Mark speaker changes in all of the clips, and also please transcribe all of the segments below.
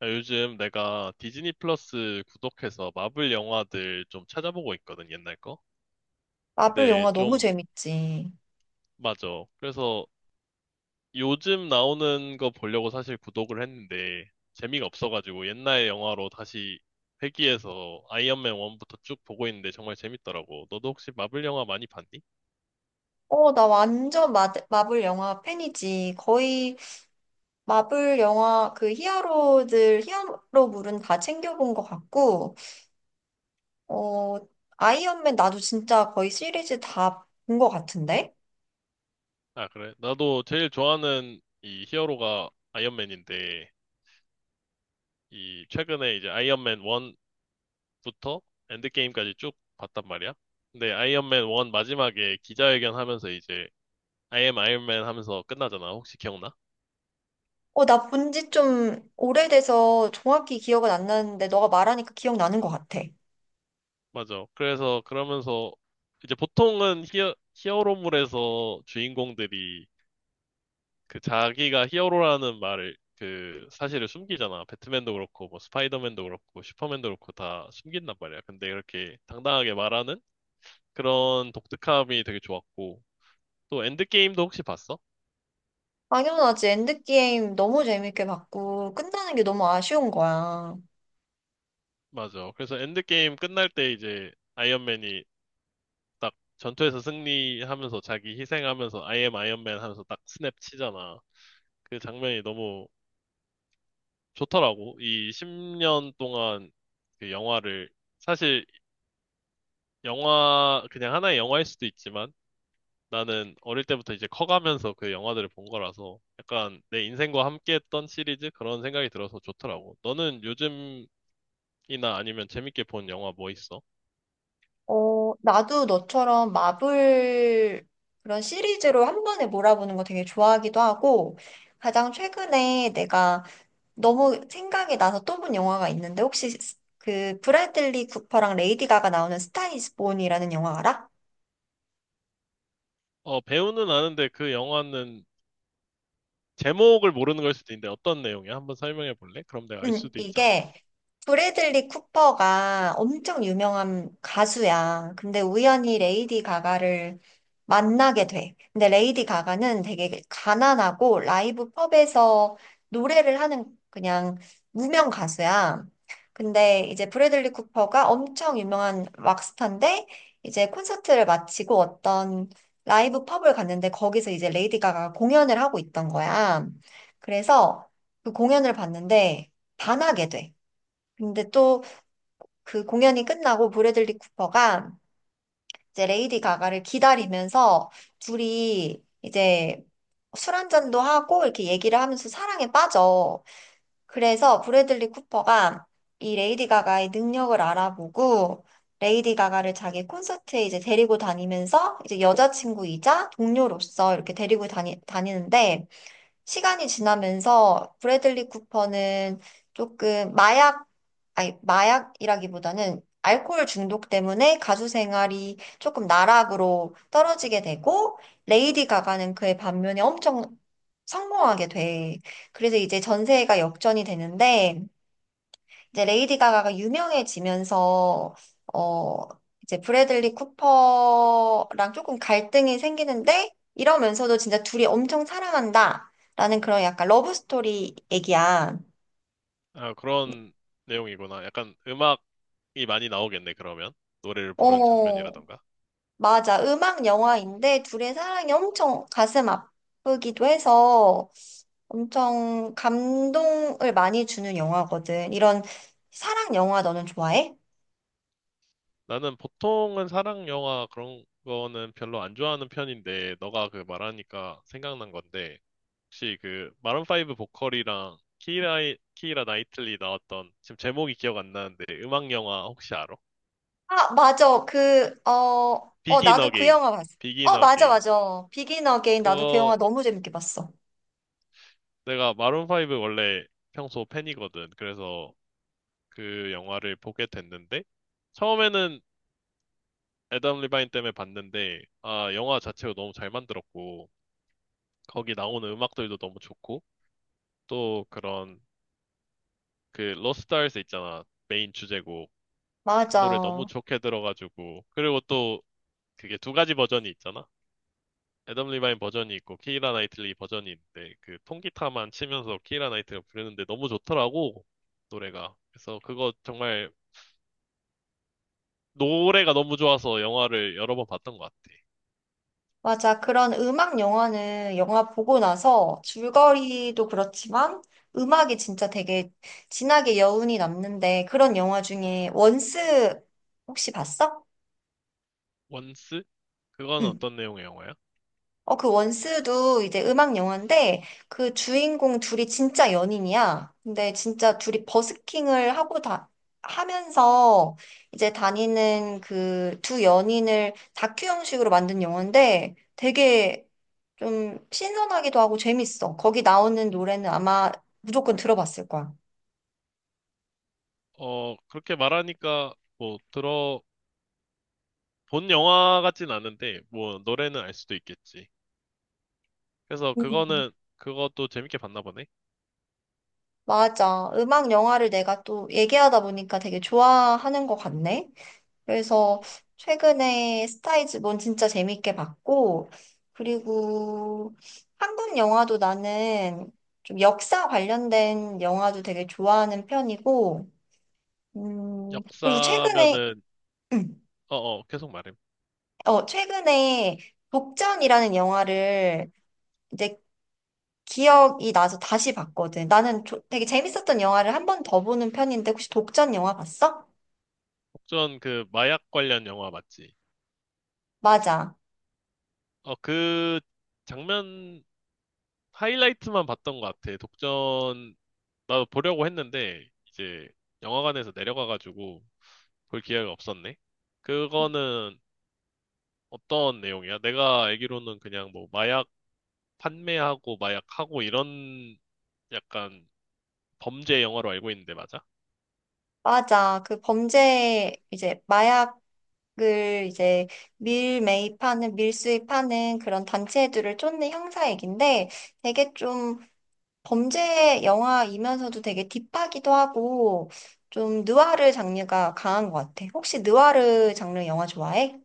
Speaker 1: 아, 요즘 내가 디즈니 플러스 구독해서 마블 영화들 좀 찾아보고 있거든, 옛날 거.
Speaker 2: 마블
Speaker 1: 근데
Speaker 2: 영화 너무
Speaker 1: 좀,
Speaker 2: 재밌지.
Speaker 1: 맞아. 그래서 요즘 나오는 거 보려고 사실 구독을 했는데 재미가 없어가지고 옛날 영화로 다시 회귀해서 아이언맨 1부터 쭉 보고 있는데 정말 재밌더라고. 너도 혹시 마블 영화 많이 봤니?
Speaker 2: 나 완전 마블 영화 팬이지. 거의 마블 영화 그 히어로물은 다 챙겨본 것 같고, 어, 아이언맨 나도 진짜 거의 시리즈 다 본 것 같은데?
Speaker 1: 아, 그래. 나도 제일 좋아하는 이 히어로가 아이언맨인데, 이 최근에 이제 아이언맨 1 부터 엔드게임까지 쭉 봤단 말이야. 근데 아이언맨 1 마지막에 기자회견 하면서 이제 I am 아이언맨 하면서 끝나잖아. 혹시 기억나?
Speaker 2: 어, 나 본지 좀 오래돼서 정확히 기억은 안 나는데, 너가 말하니까 기억나는 것 같아.
Speaker 1: 맞아. 그래서 그러면서 이제 보통은 히어로물에서 주인공들이 그 자기가 히어로라는 말을 그 사실을 숨기잖아. 배트맨도 그렇고 뭐 스파이더맨도 그렇고 슈퍼맨도 그렇고 다 숨긴단 말이야. 근데 이렇게 당당하게 말하는 그런 독특함이 되게 좋았고 또 엔드게임도 혹시 봤어?
Speaker 2: 당연하지. 엔드게임 너무 재밌게 봤고, 끝나는 게 너무 아쉬운 거야.
Speaker 1: 맞아. 그래서 엔드게임 끝날 때 이제 아이언맨이 딱 전투에서 승리하면서 자기 희생하면서 I am 아이언맨 하면서 딱 스냅 치잖아. 그 장면이 너무 좋더라고. 이 10년 동안 그 영화를 사실, 영화 그냥 하나의 영화일 수도 있지만 나는 어릴 때부터 이제 커가면서 그 영화들을 본 거라서 약간 내 인생과 함께했던 시리즈 그런 생각이 들어서 좋더라고. 너는 요즘이나 아니면 재밌게 본 영화 뭐 있어?
Speaker 2: 어, 나도 너처럼 마블 그런 시리즈로 한 번에 몰아보는 거 되게 좋아하기도 하고, 가장 최근에 내가 너무 생각이 나서 또 본 영화가 있는데, 혹시 그 브래들리 쿠퍼랑 레이디 가가 나오는 스타 이즈 본이라는 영화 알아?
Speaker 1: 어, 배우는 아는데 그 영화는 제목을 모르는 걸 수도 있는데 어떤 내용이야? 한번 설명해 볼래? 그럼 내가 알 수도 있잖아.
Speaker 2: 이게 브래들리 쿠퍼가 엄청 유명한 가수야. 근데 우연히 레이디 가가를 만나게 돼. 근데 레이디 가가는 되게 가난하고 라이브 펍에서 노래를 하는 그냥 무명 가수야. 근데 이제 브래들리 쿠퍼가 엄청 유명한 락스타인데 이제 콘서트를 마치고 어떤 라이브 펍을 갔는데 거기서 이제 레이디 가가 공연을 하고 있던 거야. 그래서 그 공연을 봤는데 반하게 돼. 근데 또 그 공연이 끝나고 브래들리 쿠퍼가 이제 레이디 가가를 기다리면서 둘이 이제 술 한잔도 하고 이렇게 얘기를 하면서 사랑에 빠져. 그래서 브래들리 쿠퍼가 이 레이디 가가의 능력을 알아보고 레이디 가가를 자기 콘서트에 이제 데리고 다니면서 이제 여자친구이자 동료로서 이렇게 다니는데 시간이 지나면서 브래들리 쿠퍼는 조금 마약 아니, 마약이라기보다는 알코올 중독 때문에 가수 생활이 조금 나락으로 떨어지게 되고, 레이디 가가는 그의 반면에 엄청 성공하게 돼. 그래서 이제 전세가 역전이 되는데, 이제 레이디 가가가 유명해지면서, 어, 이제 브래들리 쿠퍼랑 조금 갈등이 생기는데, 이러면서도 진짜 둘이 엄청 사랑한다. 라는 그런 약간 러브 스토리 얘기야.
Speaker 1: 아, 그런 내용이구나. 약간 음악이 많이 나오겠네, 그러면. 노래를 부르는
Speaker 2: 어,
Speaker 1: 장면이라던가.
Speaker 2: 맞아. 음악 영화인데 둘의 사랑이 엄청 가슴 아프기도 해서 엄청 감동을 많이 주는 영화거든. 이런 사랑 영화 너는 좋아해?
Speaker 1: 나는 보통은 사랑 영화 그런 거는 별로 안 좋아하는 편인데, 너가 그 말하니까 생각난 건데, 혹시 그 마룬5 보컬이랑 키라 나이틀리 나왔던, 지금 제목이 기억 안 나는데, 음악 영화 혹시 알아?
Speaker 2: 아, 맞아.
Speaker 1: 비긴
Speaker 2: 나도 그
Speaker 1: 어게인.
Speaker 2: 영화 봤어.
Speaker 1: 비긴
Speaker 2: 어, 맞아,
Speaker 1: 어게인.
Speaker 2: 맞아. 비긴 어게인 나도 그 영화
Speaker 1: 그거
Speaker 2: 너무 재밌게 봤어.
Speaker 1: 내가 마룬5 원래 평소 팬이거든. 그래서 그 영화를 보게 됐는데, 처음에는 애덤 리바인 때문에 봤는데, 아, 영화 자체가 너무 잘 만들었고, 거기 나오는 음악들도 너무 좋고, 또 그런 그 로스트 알스 있잖아. 메인 주제곡. 그 노래 너무
Speaker 2: 맞아.
Speaker 1: 좋게 들어가지고. 그리고 또 그게 두 가지 버전이 있잖아. 애덤 리바인 버전이 있고 키이라 나이틀리 버전이 있는데 그 통기타만 치면서 키이라 나이틀리가 부르는데 너무 좋더라고. 노래가. 그래서 그거 정말 노래가 너무 좋아서 영화를 여러 번 봤던 것 같아.
Speaker 2: 맞아. 그런 음악 영화는 영화 보고 나서 줄거리도 그렇지만 음악이 진짜 되게 진하게 여운이 남는데 그런 영화 중에 원스 혹시 봤어?
Speaker 1: 원스? 그건
Speaker 2: 응.
Speaker 1: 어떤 내용의 영화야?
Speaker 2: 어, 그 원스도 이제 음악 영화인데 그 주인공 둘이 진짜 연인이야. 근데 진짜 둘이 버스킹을 하고 다 하면서 이제 다니는 그 두 연인을 다큐 형식으로 만든 영화인데 되게 좀 신선하기도 하고 재밌어. 거기 나오는 노래는 아마 무조건 들어봤을 거야.
Speaker 1: 어, 그렇게 말하니까 뭐 들어 본 영화 같진 않은데 뭐 노래는 알 수도 있겠지. 그래서
Speaker 2: 음.
Speaker 1: 그거는, 그것도 재밌게 봤나 보네.
Speaker 2: 맞아. 음악 영화를 내가 또 얘기하다 보니까 되게 좋아하는 것 같네. 그래서 최근에 스타이즈본 진짜 재밌게 봤고, 그리고 한국 영화도 나는 좀 역사 관련된 영화도 되게 좋아하는 편이고, 그리고 최근에,
Speaker 1: 역사면은,
Speaker 2: 음,
Speaker 1: 어어 계속 말해.
Speaker 2: 어, 최근에 독전이라는 영화를 이제 기억이 나서 다시 봤거든. 나는 되게 재밌었던 영화를 한 번 더 보는 편인데, 혹시 독전 영화 봤어?
Speaker 1: 혹전 그 마약 관련 영화 맞지?
Speaker 2: 맞아.
Speaker 1: 어, 그 장면 하이라이트만 봤던 것 같아. 독전 나도 보려고 했는데 이제 영화관에서 내려가가지고 볼 기회가 없었네. 그거는 어떤 내용이야? 내가 알기로는 그냥 뭐 마약 판매하고 마약하고 이런 약간 범죄 영화로 알고 있는데 맞아?
Speaker 2: 맞아. 그 범죄, 이제 마약 을 이제 밀 수입하는 그런 단체들을 쫓는 형사 얘긴데 되게 좀 범죄 영화이면서도 되게 딥하기도 하고 좀 느와르 장르가 강한 것 같아. 혹시 느와르 장르 영화 좋아해?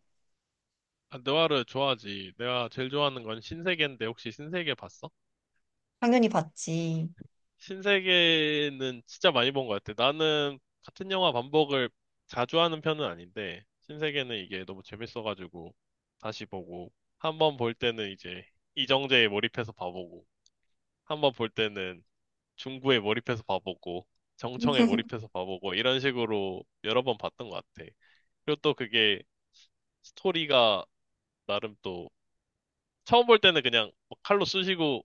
Speaker 1: 아, 느와르 좋아하지. 내가 제일 좋아하는 건 신세계인데 혹시 신세계 봤어?
Speaker 2: 당연히 봤지.
Speaker 1: 신세계는 진짜 많이 본 것 같아. 나는 같은 영화 반복을 자주 하는 편은 아닌데 신세계는 이게 너무 재밌어가지고 다시 보고 한 번 볼 때는 이제 이정재에 몰입해서 봐보고 한 번 볼 때는 중구에 몰입해서 봐보고 정청에 몰입해서 봐보고 이런 식으로 여러 번 봤던 것 같아. 그리고 또 그게 스토리가 나름 또 처음 볼 때는 그냥 뭐 칼로 쑤시고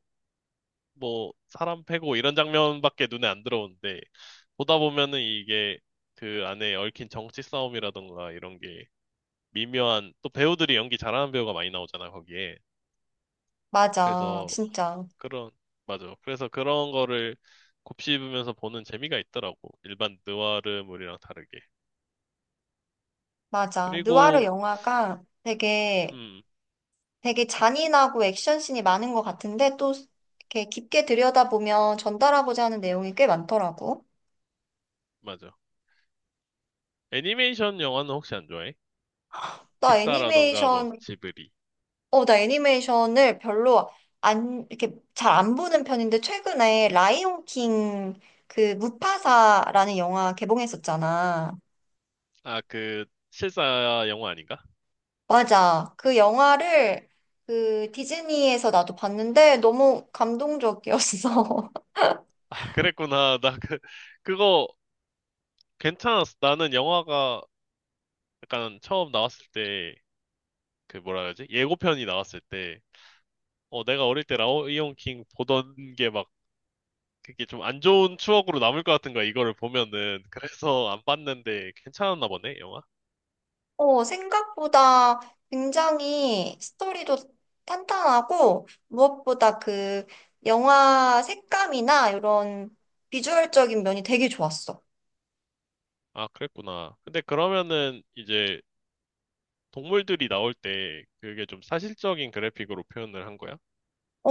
Speaker 1: 뭐 사람 패고 이런 장면밖에 눈에 안 들어오는데 보다 보면은 이게 그 안에 얽힌 정치 싸움이라던가 이런 게 미묘한, 또 배우들이 연기 잘하는 배우가 많이 나오잖아 거기에.
Speaker 2: 맞아,
Speaker 1: 그래서
Speaker 2: 진짜.
Speaker 1: 그런, 맞아, 그래서 그런 거를 곱씹으면서 보는 재미가 있더라고, 일반 느와르물이랑 다르게.
Speaker 2: 맞아. 느와르
Speaker 1: 그리고
Speaker 2: 영화가 되게,
Speaker 1: 음
Speaker 2: 되게 잔인하고 액션씬이 많은 것 같은데, 또 이렇게 깊게 들여다보면 전달하고자 하는 내용이 꽤 많더라고.
Speaker 1: 맞아. 애니메이션 영화는 혹시 안 좋아해?
Speaker 2: 나
Speaker 1: 픽사라던가 뭐
Speaker 2: 애니메이션,
Speaker 1: 지브리.
Speaker 2: 어, 나 애니메이션을 별로 안, 이렇게 잘 안 보는 편인데, 최근에 라이온 킹 그 무파사라는 영화 개봉했었잖아.
Speaker 1: 아, 그 실사 영화 아닌가?
Speaker 2: 맞아. 그 영화를 그 디즈니에서 나도 봤는데 너무 감동적이었어.
Speaker 1: 아, 그랬구나. 나 그 그거 괜찮았어. 나는 영화가 약간 처음 나왔을 때, 그 뭐라 그러지? 예고편이 나왔을 때, 어, 내가 어릴 때 라이온 킹 보던 게 막, 그게 좀 안 좋은 추억으로 남을 것 같은 거야, 이거를 보면은. 그래서 안 봤는데, 괜찮았나 보네, 영화?
Speaker 2: 어, 생각보다 굉장히 스토리도 탄탄하고, 무엇보다 그 영화 색감이나 이런 비주얼적인 면이 되게 좋았어.
Speaker 1: 아, 그랬구나. 근데 그러면은, 이제, 동물들이 나올 때, 그게 좀 사실적인 그래픽으로 표현을 한 거야?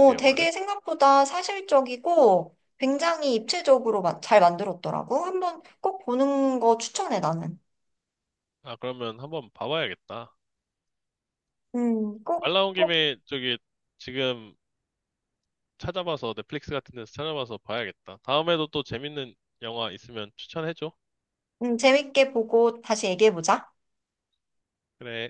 Speaker 1: 그 영화는?
Speaker 2: 되게 생각보다 사실적이고 굉장히 입체적으로 잘 만들었더라고. 한번 꼭 보는 거 추천해, 나는.
Speaker 1: 아, 그러면 한번 봐봐야겠다.
Speaker 2: 꼭,
Speaker 1: 말 나온
Speaker 2: 꼭,
Speaker 1: 김에, 저기, 지금, 찾아봐서 넷플릭스 같은 데서 찾아봐서 봐야겠다. 다음에도 또 재밌는 영화 있으면 추천해줘.
Speaker 2: 재밌게 보고 다시 얘기해보자.
Speaker 1: 그래.